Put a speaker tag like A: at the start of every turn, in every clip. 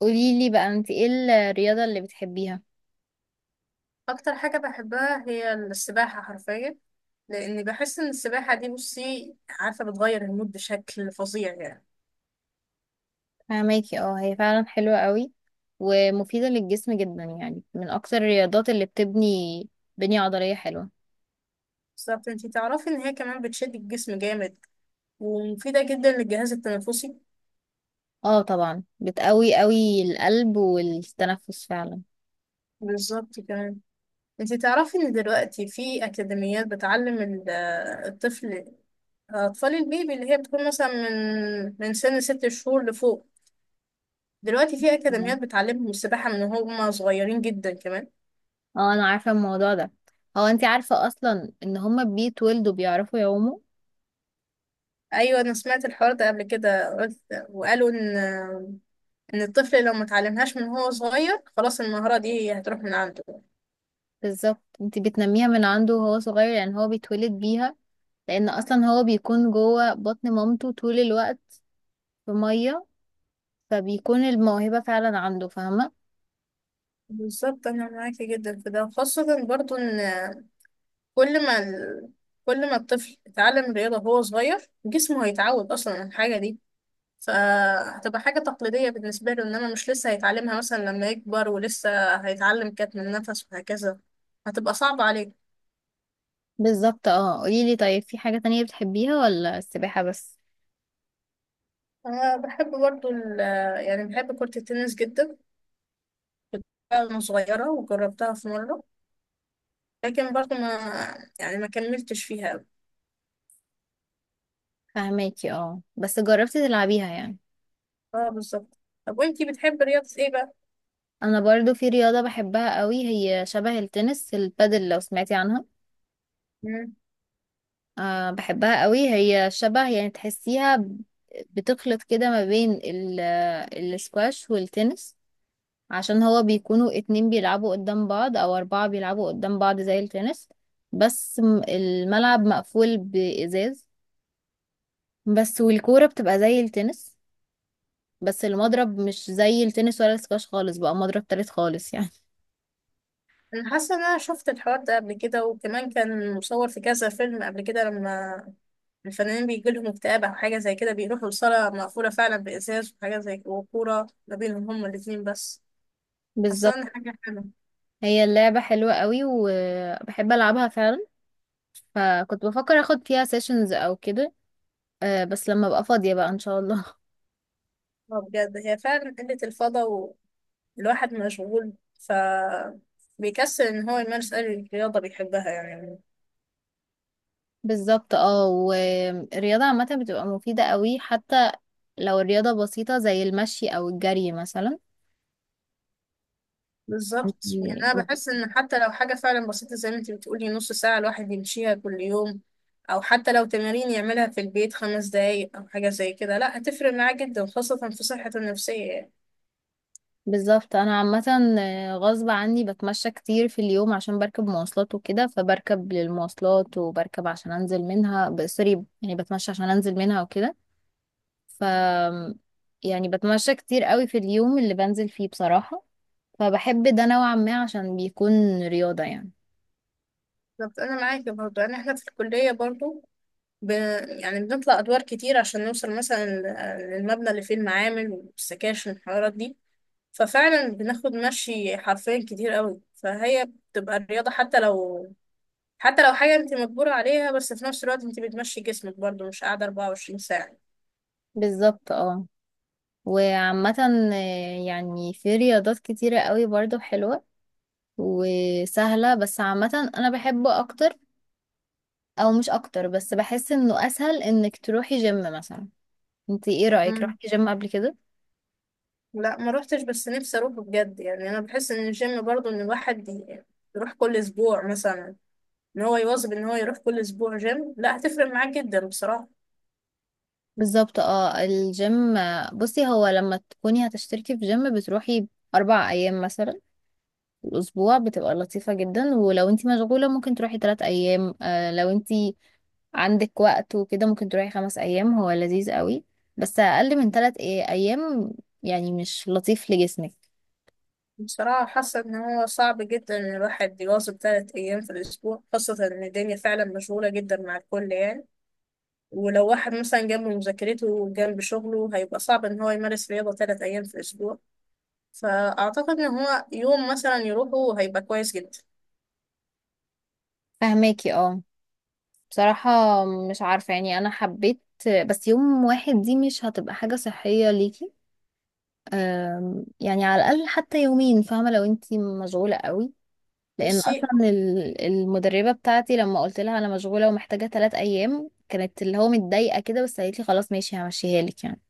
A: قوليلي بقى، انت ايه الرياضة اللي بتحبيها؟
B: اكتر حاجة بحبها هي السباحة حرفيا، لاني بحس ان السباحة دي، بصي عارفة، بتغير المود بشكل فظيع يعني.
A: فهماكي، اه، هي فعلا حلوة قوي ومفيدة للجسم جدا، يعني من اكتر الرياضات اللي بتبني بنية عضلية حلوة.
B: بالظبط، انتي تعرفي ان هي كمان بتشد الجسم جامد ومفيدة جدا للجهاز التنفسي.
A: اه، طبعا بتقوي قوي القلب والتنفس فعلا.
B: بالظبط كمان. انتي تعرفي ان دلوقتي في اكاديميات بتعلم الطفل، اطفال البيبي اللي هي بتكون مثلا من سن ست شهور لفوق. دلوقتي في اكاديميات
A: اه،
B: بتعلمهم السباحة من هم صغيرين جدا كمان.
A: اه، انا عارفة الموضوع ده. هو انت عارفة اصلا ان هما بيتولدوا بيعرفوا يعوموا؟
B: ايوه، انا سمعت الحوار ده قبل كده، قلت وقالوا ان، ان الطفل لو ما اتعلمهاش من هو صغير خلاص المهارة دي هتروح من عنده.
A: بالظبط، انت بتنميها من عنده وهو صغير، لان هو بيتولد بيها. لان اصلا هو بيكون جوه بطن مامته طول الوقت في مية، فبيكون الموهبة فعلا عنده، فاهمة؟
B: بالظبط، انا معاكي جدا في ده، خاصة برضو ان كل ما ال... كل ما الطفل اتعلم الرياضة وهو صغير جسمه هيتعود اصلا على الحاجة دي، فهتبقى حاجة تقليدية بالنسبة له، انما مش لسه هيتعلمها مثلا لما يكبر، ولسه هيتعلم كتم النفس وهكذا، هتبقى صعبة عليه.
A: بالظبط، اه، قوليلي طيب، في حاجة تانية بتحبيها ولا السباحة بس؟
B: انا بحب برضو ال... يعني بحب كرة التنس جدا. بحبها وأنا صغيرة وجربتها في مرة، لكن برضه ما يعني ما كملتش فيها أوي.
A: فاهماكي، اه، بس جربتي تلعبيها يعني.
B: اه، بالظبط. طب وانتي بتحبي رياضة ايه بقى؟
A: انا برضو في رياضة بحبها قوي، هي شبه التنس، البادل لو سمعتي عنها.
B: مم.
A: بحبها قوي، هي شبه يعني تحسيها بتخلط كده ما بين السكواش والتنس، عشان هو بيكونوا اتنين بيلعبوا قدام بعض، او اربعة بيلعبوا قدام بعض زي التنس. بس الملعب مقفول بإزاز، بس والكورة بتبقى زي التنس، بس المضرب مش زي التنس ولا السكواش خالص، بقى مضرب تالت خالص يعني.
B: أنا حاسة إن أنا شفت الحوار ده قبل كده، وكمان كان مصور في كذا فيلم قبل كده، لما الفنانين بيجيلهم اكتئاب أو حاجة زي كده بيروحوا لصالة مقفولة فعلا بإزاز وحاجة زي كده، وكورة ما بينهم هما الاتنين بس. حاسة
A: بالظبط،
B: إن حاجة حلوة.
A: هي اللعبة حلوة قوي وبحب ألعبها فعلا، فكنت بفكر أخد فيها سيشنز أو كده. بس لما أبقى فاضية بقى إن شاء الله.
B: اه بجد، هي فعلا قلة الفضا والواحد مشغول، ف بيكسل ان هو يمارس اي رياضه بيحبها يعني.
A: بالظبط، اه، والرياضة عامة بتبقى مفيدة قوي، حتى لو الرياضة بسيطة زي المشي أو الجري مثلا.
B: بالظبط، يعني
A: يعني
B: انا بحس ان حتى لو حاجه فعلا بسيطه زي ما انت بتقولي، نص ساعه الواحد يمشيها كل يوم، او حتى لو تمارين يعملها في البيت خمس دقايق او حاجه زي كده، لا هتفرق معاه جدا خاصه في صحته النفسيه يعني.
A: بالظبط، انا عامه، غصب عني بتمشى كتير في اليوم، عشان بركب مواصلات وكده، فبركب للمواصلات، وبركب عشان انزل منها سوري، يعني بتمشى عشان انزل منها وكده. ف يعني بتمشى كتير قوي في اليوم اللي بنزل فيه بصراحه، فبحب ده نوعا ما، عشان بيكون رياضه يعني.
B: بالظبط، انا معاكي برضو. يعني احنا في الكليه برضو، ب... يعني بنطلع ادوار كتير عشان نوصل مثلا للمبنى اللي فيه المعامل والسكاشن والحوارات دي، ففعلا بناخد مشي حرفيا كتير قوي، فهي بتبقى الرياضه. حتى لو حاجة انت مجبورة عليها، بس في نفس الوقت انت بتمشي جسمك برضو، مش قاعدة 24 ساعة.
A: بالظبط، اه، وعامه، يعني في رياضات كتيره قوي برضه حلوه وسهله، بس عامه انا بحبه اكتر، او مش اكتر، بس بحس انه اسهل انك تروحي جيم مثلا. انت ايه رأيك،
B: مم.
A: روحتي جيم قبل كده؟
B: لا، ما روحتش، بس نفسي اروح بجد. يعني انا بحس ان الجيم برضو ان الواحد يروح كل اسبوع مثلا، ان هو يواظب ان هو يروح كل اسبوع جيم، لا هتفرق معاه جدا بصراحة.
A: بالظبط، اه، الجيم، بصي، هو لما تكوني هتشتركي في جيم بتروحي 4 ايام مثلا في الاسبوع، بتبقى لطيفة جدا. ولو انت مشغولة ممكن تروحي 3 ايام، لو انت عندك وقت وكده ممكن تروحي 5 ايام، هو لذيذ قوي. بس اقل من 3 ايام يعني مش لطيف لجسمك.
B: بصراحة حاسة ان هو صعب جدا ان الواحد يواظب ثلاث ايام في الاسبوع، خاصة ان الدنيا فعلا مشغولة جدا مع الكل يعني، ولو واحد مثلا جنب مذاكرته وجنب شغله هيبقى صعب ان هو يمارس رياضة ثلاث ايام في الاسبوع، فأعتقد إن هو يوم مثلا يروحوا هيبقى كويس جدا.
A: فهماكي، اه، بصراحة مش عارفة يعني أنا حبيت، بس يوم واحد دي مش هتبقى حاجة صحية ليكي. يعني على الأقل حتى يومين، فاهمة، لو انتي مشغولة قوي. لأن
B: بصي،
A: أصلا المدربة بتاعتي لما قلت لها أنا مشغولة ومحتاجة 3 أيام، كانت اللي هو متضايقة كده، بس قالت لي خلاص ماشي همشيها لك يعني.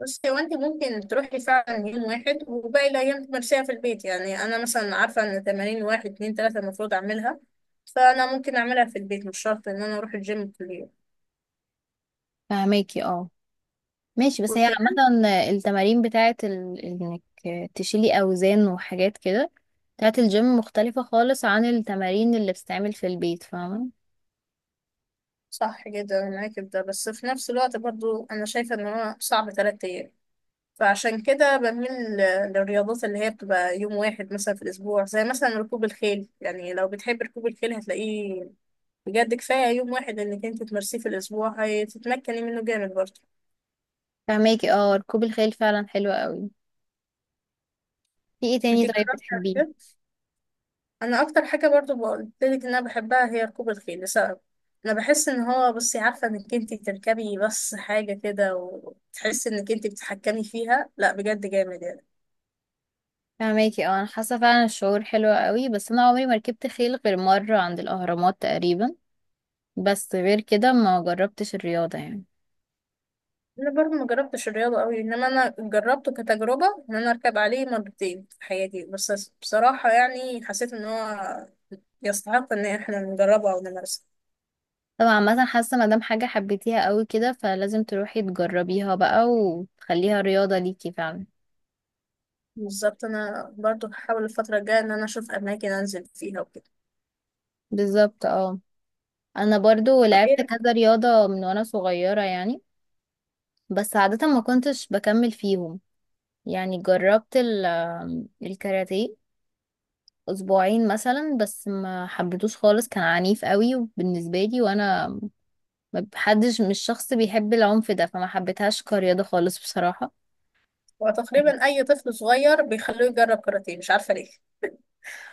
B: بصي هو انت ممكن تروحي فعلا يوم واحد، وباقي الأيام تمارسيها في البيت. يعني أنا مثلا عارفة إن تمارين واحد اتنين تلاتة المفروض أعملها، فأنا ممكن أعملها في البيت، مش شرط إن أنا أروح الجيم كل يوم.
A: فهماكي، اه، ماشي، بس هي
B: وكمان
A: عامة التمارين بتاعت إنك تشيلي أوزان وحاجات كده بتاعت الجيم، مختلفة خالص عن التمارين اللي بتتعمل في البيت، فاهمة؟
B: صح جدا، أنا معاكي في ده، بس في نفس الوقت برضو أنا شايفة إن هو صعب تلات أيام، فعشان كده بميل للرياضات اللي هي بتبقى يوم واحد مثلا في الأسبوع، زي مثلا ركوب الخيل. يعني لو بتحب ركوب الخيل هتلاقيه بجد كفاية يوم واحد انك انت تمارسيه في الاسبوع، هتتمكني منه جامد برضه.
A: فهماكي، اه، ركوب الخيل فعلا حلو قوي. في ايه
B: انت
A: تاني طيب
B: جربتي قبل
A: بتحبيه؟
B: كده؟ انا اكتر حاجة برضه قلتلك ان انا بحبها هي ركوب الخيل، لسبب انا بحس ان هو، بصي عارفة، انك انت تركبي بس حاجة كده وتحسي انك انت بتتحكمي فيها، لا بجد جامد يعني.
A: فهماكي، اه، انا حاسه فعلا الشعور حلو قوي، بس انا عمري ما ركبت خيل غير مره عند الاهرامات تقريبا، بس غير كده ما جربتش الرياضه يعني.
B: انا برضه ما جربتش الرياضة قوي، انما انا جربته كتجربة ان انا اركب عليه مرتين في حياتي، بس بصراحة يعني حسيت ان هو يستحق ان احنا نجربه او نمارسه.
A: طبعا مثلا حاسه، ما دام حاجه حبيتيها قوي كده، فلازم تروحي تجربيها بقى وتخليها رياضه ليكي فعلا.
B: بالظبط، انا برضو هحاول الفترة الجاية ان انا اشوف اماكن انزل فيها وكده.
A: بالظبط، اه، انا برضو
B: طب
A: لعبت
B: ايه؟
A: كذا رياضه من وانا صغيره يعني، بس عاده ما كنتش بكمل فيهم. يعني جربت الكاراتيه اسبوعين مثلا، بس ما حبيتوش خالص، كان عنيف قوي بالنسبه لي، وانا ما بحدش، مش شخص بيحب العنف ده، فما حبيتهاش كرياضه خالص بصراحه.
B: وتقريبا اي طفل صغير بيخلوه يجرب كاراتيه، مش عارفة ليه.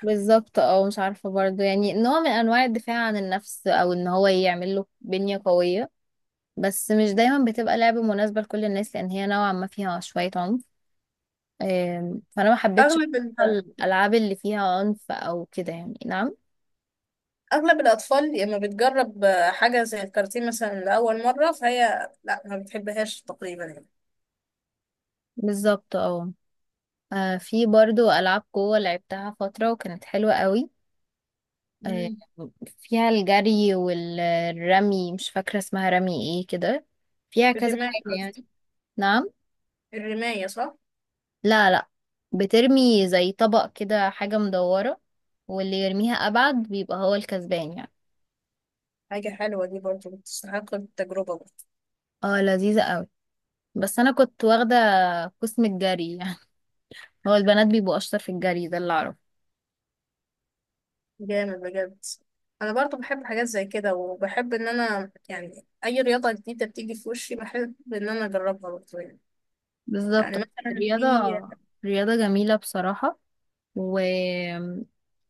A: بالظبط، اه، مش عارفه برضو يعني، نوع من انواع الدفاع عن النفس، او ان هو يعمل له بنيه قويه، بس مش دايما بتبقى لعبه مناسبه لكل الناس، لان هي نوعا ما فيها شويه عنف. فانا ما حبيتش
B: اغلب ال...
A: بصراحة الالعاب اللي فيها عنف او كده يعني، نعم.
B: اغلب الاطفال لما بتجرب حاجة زي الكاراتيه مثلا لاول مرة، فهي لا، ما بتحبهاش تقريبا يعني.
A: بالظبط، اه، في برضو ألعاب قوة لعبتها فترة وكانت حلوة قوي. آه،
B: مم.
A: فيها الجري والرمي، مش فاكرة اسمها رمي ايه كده، فيها كذا
B: الرماية
A: حاجة
B: قصدي.
A: يعني، نعم.
B: الرماية صح.
A: لا، لا، بترمي زي طبق كده، حاجة مدورة، واللي يرميها أبعد بيبقى هو الكسبان يعني.
B: حاجة حلوة دي برضو، بتستحق التجربة برضو.
A: اه، لذيذة قوي، بس أنا كنت واخدة قسم الجري يعني. هو البنات بيبقوا أشطر في الجري، ده اللي أعرفه.
B: جامد بجد. انا برضو بحب حاجات زي كده، وبحب ان انا، يعني اي رياضة جديدة بتيجي في وشي بحب ان انا اجربها برضو يعني. يعني
A: بالظبط،
B: مثلا
A: الرياضة
B: في
A: رياضة جميلة بصراحة، و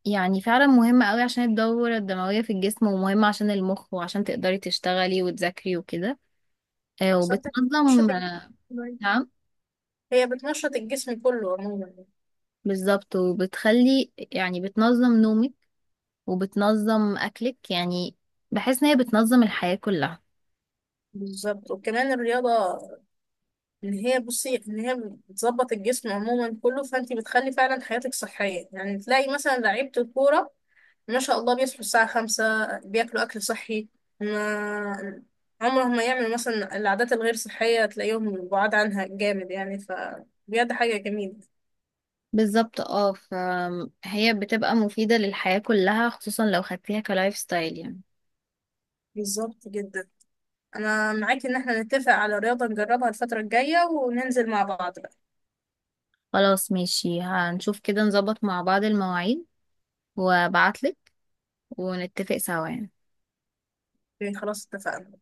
A: يعني فعلا مهمة قوي، عشان الدورة الدموية في الجسم، ومهمة عشان المخ وعشان تقدري تشتغلي وتذاكري وكده.
B: بالظبط. بتنشط
A: وبتنظم، آه،
B: الجسم.
A: نعم.
B: هي بتنشط الجسم كله عموما يعني.
A: بالظبط، وبتخلي يعني بتنظم نومك، وبتنظم أكلك يعني، بحس إن هي بتنظم الحياة كلها.
B: بالظبط، وكمان الرياضة، إن هي، بصي، إن هي بتظبط الجسم عموما كله، فأنت بتخلي فعلا حياتك صحية، يعني تلاقي مثلا لعيبة الكورة ما شاء الله بيصحوا الساعة خمسة، بياكلوا أكل صحي، ما عمرهم ما يعملوا مثلا العادات الغير صحية، تلاقيهم بعاد عنها جامد يعني، فبجد حاجة جميلة.
A: بالظبط، اه، فهي بتبقى مفيدة للحياة كلها، خصوصا لو خدتيها كلايف ستايل يعني.
B: بالظبط جدا. انا معاك ان احنا نتفق على رياضة نجربها الفترة الجاية وننزل مع بعض بقى.
A: خلاص، ماشي، هنشوف كده نظبط مع بعض المواعيد، وابعتلك، ونتفق سوا يعني.
B: يعني خلاص، اتفقنا.